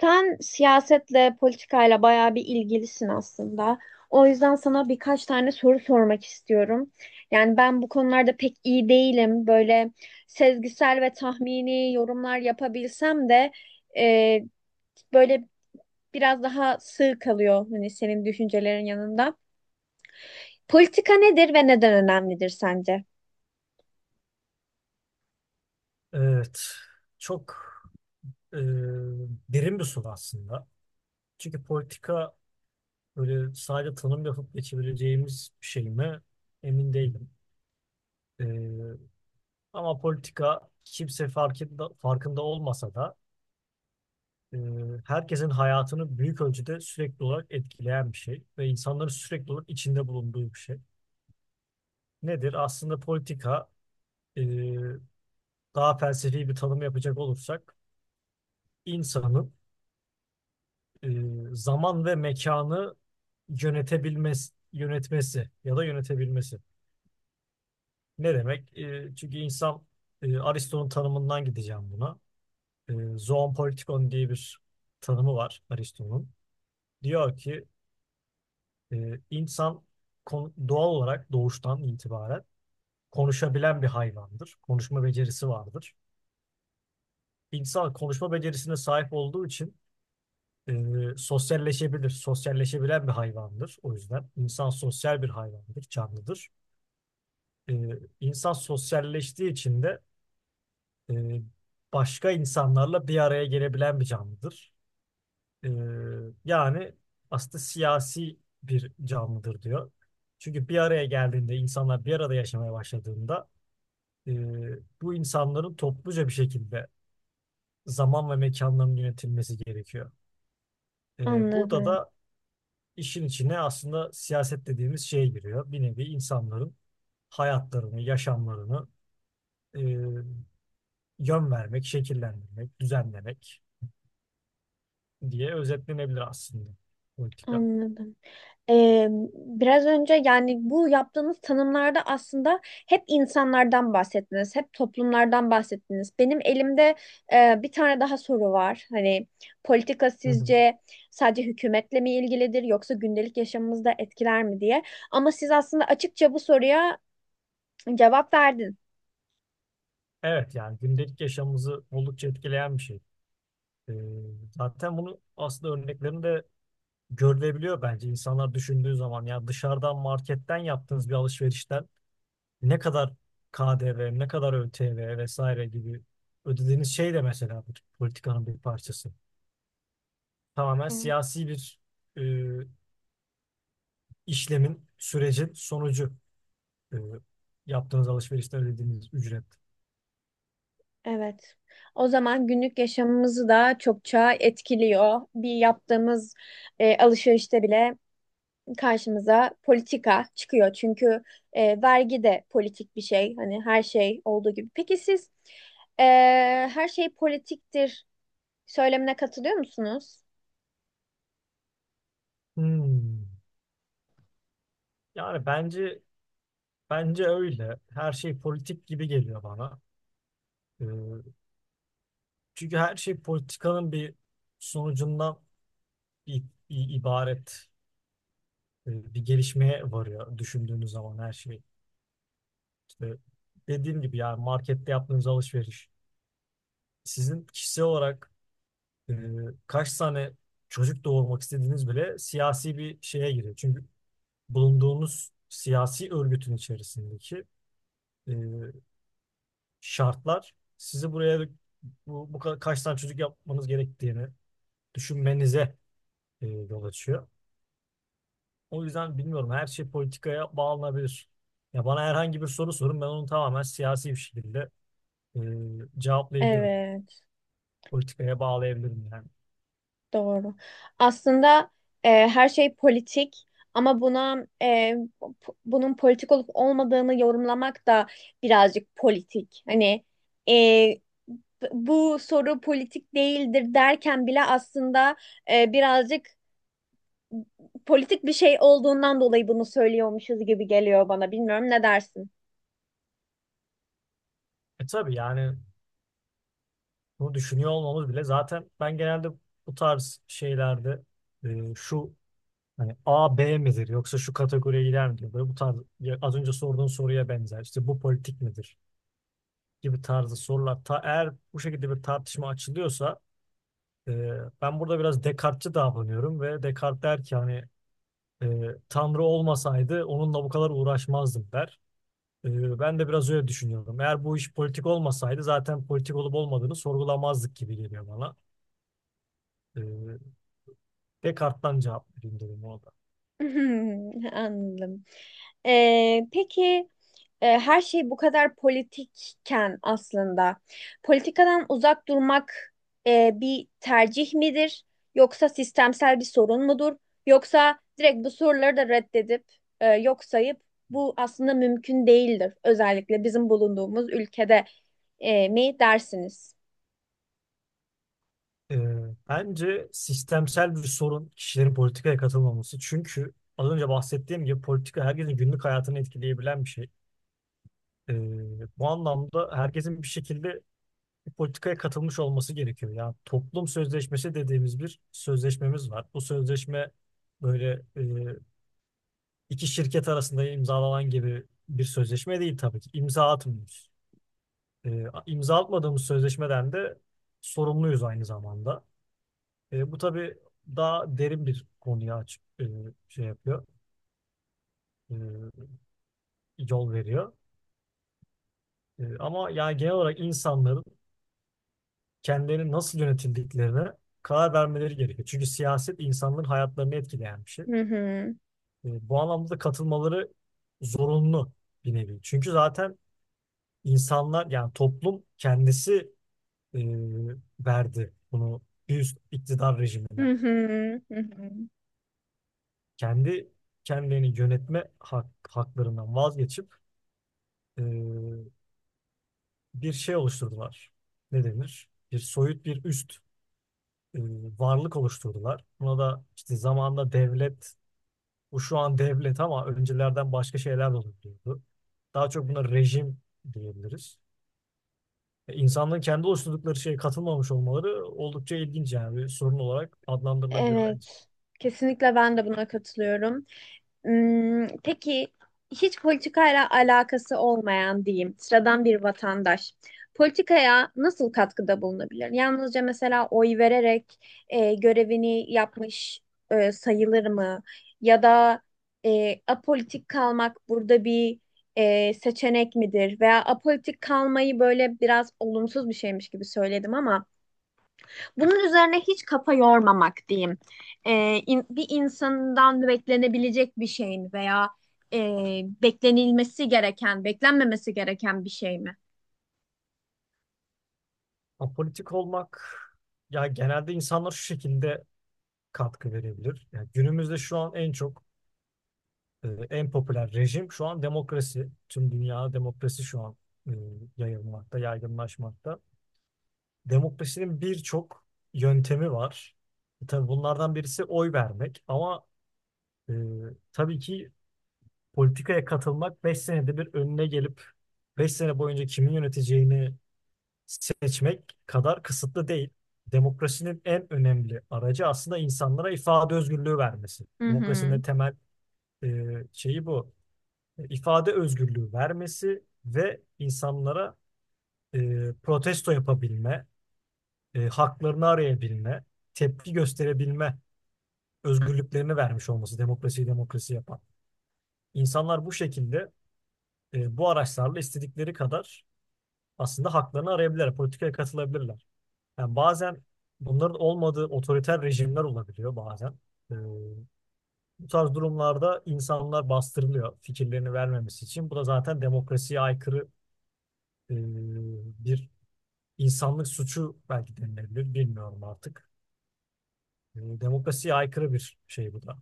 Sen siyasetle, politikayla bayağı bir ilgilisin aslında. O yüzden sana birkaç tane soru sormak istiyorum. Yani ben bu konularda pek iyi değilim. Böyle sezgisel ve tahmini yorumlar yapabilsem de e, böyle biraz daha sığ kalıyor hani senin düşüncelerin yanında. Politika nedir ve neden önemlidir sence? Evet, çok e, derin bir soru aslında. Çünkü politika böyle sadece tanım yapıp geçebileceğimiz bir şey mi? Emin değilim. E, Ama politika kimse farkında, farkında olmasa da e, herkesin hayatını büyük ölçüde sürekli olarak etkileyen bir şey ve insanların sürekli olarak içinde bulunduğu bir şey. Nedir? Aslında politika, e, daha felsefi bir tanım yapacak olursak, insanın e, zaman ve mekanı yönetebilmesi, yönetmesi ya da yönetebilmesi. Ne demek? Çünkü insan, Aristo'nun tanımından gideceğim buna. Zoon politikon diye bir tanımı var Aristo'nun. Diyor ki e, insan doğal olarak doğuştan itibaren konuşabilen bir hayvandır. Konuşma becerisi vardır. İnsan konuşma becerisine sahip olduğu için e, sosyalleşebilir, sosyalleşebilen bir hayvandır. O yüzden insan sosyal bir hayvandır, canlıdır. E, insan sosyalleştiği için de e, başka insanlarla bir araya gelebilen bir canlıdır. E, Yani aslında siyasi bir canlıdır diyor. Çünkü bir araya geldiğinde, insanlar bir arada yaşamaya başladığında, e, bu insanların topluca bir şekilde zaman ve mekanların yönetilmesi gerekiyor. E, burada Anladım, da İşin içine aslında siyaset dediğimiz şeye giriyor. Bir nevi insanların hayatlarını, yaşamlarını e, yön vermek, şekillendirmek, düzenlemek diye özetlenebilir aslında politika. anladım. Ee, Biraz önce yani bu yaptığınız tanımlarda aslında hep insanlardan bahsettiniz, hep toplumlardan bahsettiniz. Benim elimde bir tane daha soru var. Hani politika Hı hı. sizce sadece hükümetle mi ilgilidir yoksa gündelik yaşamımızda etkiler mi diye. Ama siz aslında açıkça bu soruya cevap verdin. Evet, yani gündelik yaşamımızı oldukça etkileyen bir şey. E, Zaten bunu aslında örneklerinde görülebiliyor bence. İnsanlar düşündüğü zaman, ya dışarıdan, marketten yaptığınız bir alışverişten ne kadar KDV, ne kadar ÖTV vesaire gibi ödediğiniz şey de mesela bir politikanın bir parçası. Tamamen Evet. siyasi bir e, işlemin, sürecin sonucu e, yaptığınız alışverişte ödediğiniz ücret. Evet. O zaman günlük yaşamımızı da çokça etkiliyor. Bir yaptığımız alışverişte bile karşımıza politika çıkıyor. Çünkü vergi de politik bir şey. Hani her şey olduğu gibi. Peki siz e, her şey politiktir söylemine katılıyor musunuz? Hmm. Yani bence bence öyle. Her şey politik gibi geliyor bana. E, Çünkü her şey politikanın bir sonucundan i- ibaret, bir gelişmeye varıyor düşündüğünüz zaman her şey. E, Dediğim gibi, yani markette yaptığınız alışveriş. Sizin kişisel olarak e, kaç tane çocuk doğurmak istediğiniz bile siyasi bir şeye giriyor. Çünkü bulunduğunuz siyasi örgütün içerisindeki e, şartlar sizi buraya, bu, bu kaç tane çocuk yapmanız gerektiğini düşünmenize yol açıyor. O yüzden bilmiyorum, her şey politikaya bağlanabilir. Ya bana herhangi bir soru sorun, ben onu tamamen siyasi bir şekilde e, cevaplayabilirim. Evet, Politikaya bağlayabilirim yani. doğru. Aslında her şey politik ama buna bunun politik olup olmadığını yorumlamak da birazcık politik. Hani e, bu soru politik değildir derken bile aslında birazcık politik bir şey olduğundan dolayı bunu söylüyormuşuz gibi geliyor bana. Bilmiyorum ne dersin? E tabii, yani bunu düşünüyor olmamız bile zaten. Ben genelde bu tarz şeylerde, şu, hani A, B midir yoksa şu kategoriye girer mi diyor. Böyle bu tarz, ya az önce sorduğun soruya benzer, işte bu politik midir gibi tarzı sorular. Eğer bu şekilde bir tartışma açılıyorsa, e, ben burada biraz Descartes'çi davranıyorum ve Descartes der ki, hani, e, Tanrı olmasaydı onunla bu kadar uğraşmazdım, der. Ben de biraz öyle düşünüyorum. Eğer bu iş politik olmasaydı, zaten politik olup olmadığını sorgulamazdık gibi geliyor bana. Ee, Descartes'tan cevap vereyim dedim ona da. Anladım. Peki her şey bu kadar politikken aslında politikadan uzak durmak bir tercih midir? Yoksa sistemsel bir sorun mudur? Yoksa direkt bu soruları da reddedip yok sayıp bu aslında mümkün değildir. Özellikle bizim bulunduğumuz ülkede mi dersiniz? Ee, Bence sistemsel bir sorun kişilerin politikaya katılmaması. Çünkü az önce bahsettiğim gibi, politika herkesin günlük hayatını etkileyebilen bir şey. Ee, Bu anlamda herkesin bir şekilde bir politikaya katılmış olması gerekiyor. Yani toplum sözleşmesi dediğimiz bir sözleşmemiz var. Bu sözleşme böyle, iki şirket arasında imzalanan gibi bir sözleşme değil tabii ki. İmza atmıyoruz. E, imza atmadığımız sözleşmeden de sorumluyuz aynı zamanda. E, bu tabii daha derin bir konuya açık, şey yapıyor, e, yol veriyor. Ama yani genel olarak insanların kendilerini nasıl yönetildiklerine karar vermeleri gerekiyor. Çünkü siyaset insanların hayatlarını etkileyen bir şey. Hı hı. Bu anlamda da katılmaları zorunlu, bir nevi. Çünkü zaten insanlar, yani toplum kendisi e, verdi bunu bir üst iktidar Hı rejimine. hı, hı hı. Kendi kendilerini yönetme haklarından vazgeçip e, bir şey oluşturdular. Ne denir? Bir soyut bir üst e, varlık oluşturdular. Buna da işte zamanında devlet, bu şu an devlet, ama öncelerden başka şeyler de olabiliyordu. Daha çok buna rejim diyebiliriz. E, İnsanların kendi oluşturdukları şeye katılmamış olmaları oldukça ilginç, yani bir sorun olarak adlandırılabilir bence. Evet. Kesinlikle ben de buna katılıyorum. Hmm, peki hiç politikayla alakası olmayan diyeyim sıradan bir vatandaş politikaya nasıl katkıda bulunabilir? Yalnızca mesela oy vererek görevini yapmış sayılır mı? Ya da apolitik kalmak burada bir seçenek midir? Veya apolitik kalmayı böyle biraz olumsuz bir şeymiş gibi söyledim ama bunun üzerine hiç kafa yormamak diyeyim. Bir insandan beklenebilecek bir şey mi veya e, beklenilmesi gereken, beklenmemesi gereken bir şey mi? Apolitik olmak, ya genelde insanlar şu şekilde katkı verebilir. Yani günümüzde şu an en çok, en popüler rejim şu an demokrasi. Tüm dünyada demokrasi şu an e, yayılmakta, yaygınlaşmakta. Demokrasinin birçok yöntemi var. Tabii bunlardan birisi oy vermek, ama e, tabii ki politikaya katılmak 5 senede bir önüne gelip 5 sene boyunca kimin yöneteceğini seçmek kadar kısıtlı değil. Demokrasinin en önemli aracı aslında insanlara ifade özgürlüğü vermesi. Hı Demokrasinin de hı, temel e, şeyi bu. E, İfade özgürlüğü vermesi ve insanlara protesto yapabilme, haklarını arayabilme, tepki gösterebilme özgürlüklerini vermiş olması demokrasiyi demokrasi yapan. İnsanlar bu şekilde, bu araçlarla istedikleri kadar aslında haklarını arayabilirler, politikaya katılabilirler. Yani bazen bunların olmadığı otoriter rejimler olabiliyor bazen. Ee, Bu tarz durumlarda insanlar bastırılıyor, fikirlerini vermemesi için. Bu da zaten demokrasiye aykırı, e, bir insanlık suçu belki denilebilir, bilmiyorum artık. E, demokrasiye aykırı bir şey bu da.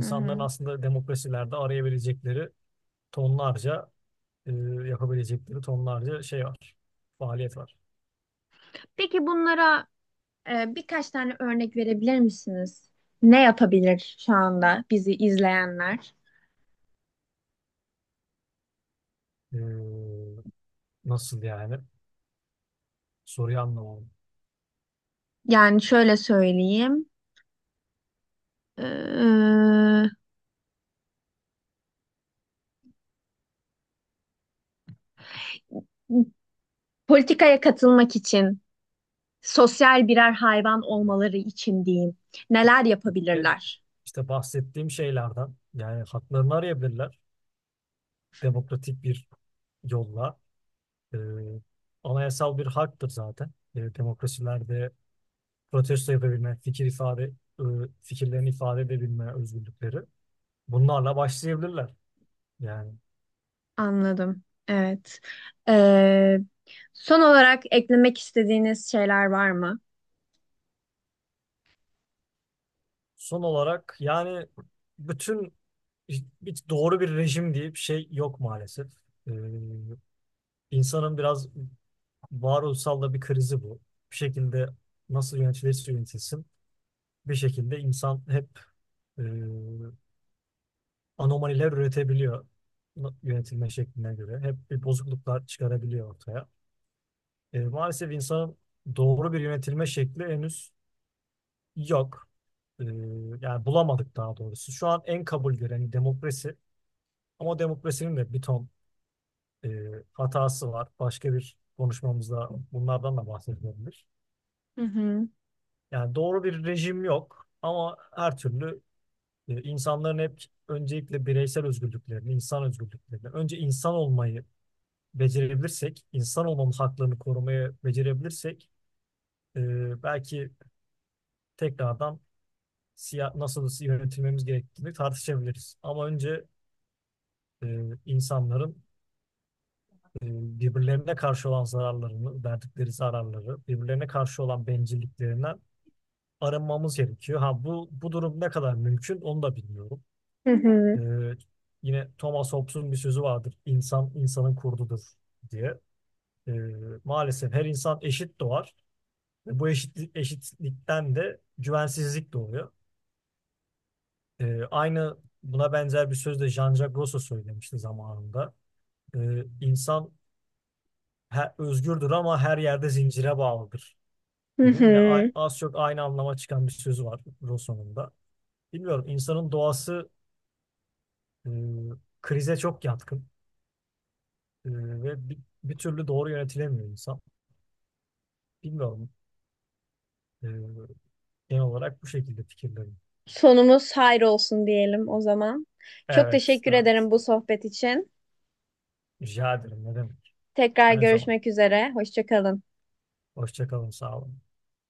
hı hı. aslında demokrasilerde arayabilecekleri tonlarca, e, yapabilecekleri tonlarca şey var, faaliyet var. Peki bunlara birkaç tane örnek verebilir misiniz? Ne yapabilir şu anda bizi izleyenler? E, Nasıl yani? Soruyu anlamadım. Yani şöyle söyleyeyim. Ee, Politikaya katılmak için sosyal birer hayvan olmaları için diyeyim. Neler E, yapabilirler? işte bahsettiğim şeylerden, yani haklarını arayabilirler demokratik bir yolla. E, anayasal bir haktır zaten. E, demokrasilerde protesto yapabilme, fikir ifade, e, fikirlerini ifade edebilme özgürlükleri. Bunlarla başlayabilirler. Yani, Anladım. Evet. Ee, Son olarak eklemek istediğiniz şeyler var mı? son olarak, yani bütün hiç doğru bir rejim diye bir şey yok maalesef. E, insanın biraz varoluşsal da bir krizi bu. Bir şekilde nasıl yönetilirse yönetilsin, bir şekilde insan hep e, anomaliler üretebiliyor yönetilme şekline göre. Hep bir bozukluklar çıkarabiliyor ortaya. E, maalesef insanın doğru bir yönetilme şekli henüz yok. E, Yani bulamadık daha doğrusu. Şu an en kabul gören demokrasi, ama demokrasinin de bir ton e, hatası var. Başka bir konuşmamızda bunlardan da bahsedebiliriz. Hı hı. Yani doğru bir rejim yok, ama her türlü insanların hep öncelikle bireysel özgürlüklerini, insan özgürlüklerini, önce insan olmayı becerebilirsek, insan olmamız haklarını korumayı becerebilirsek, belki tekrardan siya nasıl yönetilmemiz gerektiğini tartışabiliriz. Ama önce e, insanların e, birbirlerine karşı olan zararlarını, verdikleri zararları, birbirlerine karşı olan bencilliklerinden arınmamız gerekiyor. Ha bu durum ne kadar mümkün onu da bilmiyorum. Hı hı. Ee, Yine Thomas Hobbes'un bir sözü vardır. İnsan insanın kurdudur diye. Ee, Maalesef her insan eşit doğar. Ve bu eşitlik, eşitlikten de güvensizlik doğuyor. Aynı, buna benzer bir söz de Jean-Jacques Rousseau söylemişti zamanında. İnsan özgürdür ama her yerde zincire bağlıdır Hı gibi. Yine hı. az çok aynı anlama çıkan bir sözü var Rousseau'nun da. Bilmiyorum, insanın doğası e, krize çok yatkın. E, ve bir türlü doğru yönetilemiyor insan. Bilmiyorum. Ee, Genel olarak bu şekilde fikirlerim. Sonumuz hayır olsun diyelim o zaman. Çok Evet, teşekkür evet. ederim bu sohbet için. Rica ederim. Ne demek? Tekrar Her zaman. görüşmek üzere. Hoşça kalın. Hoşça kalın. Sağ olun.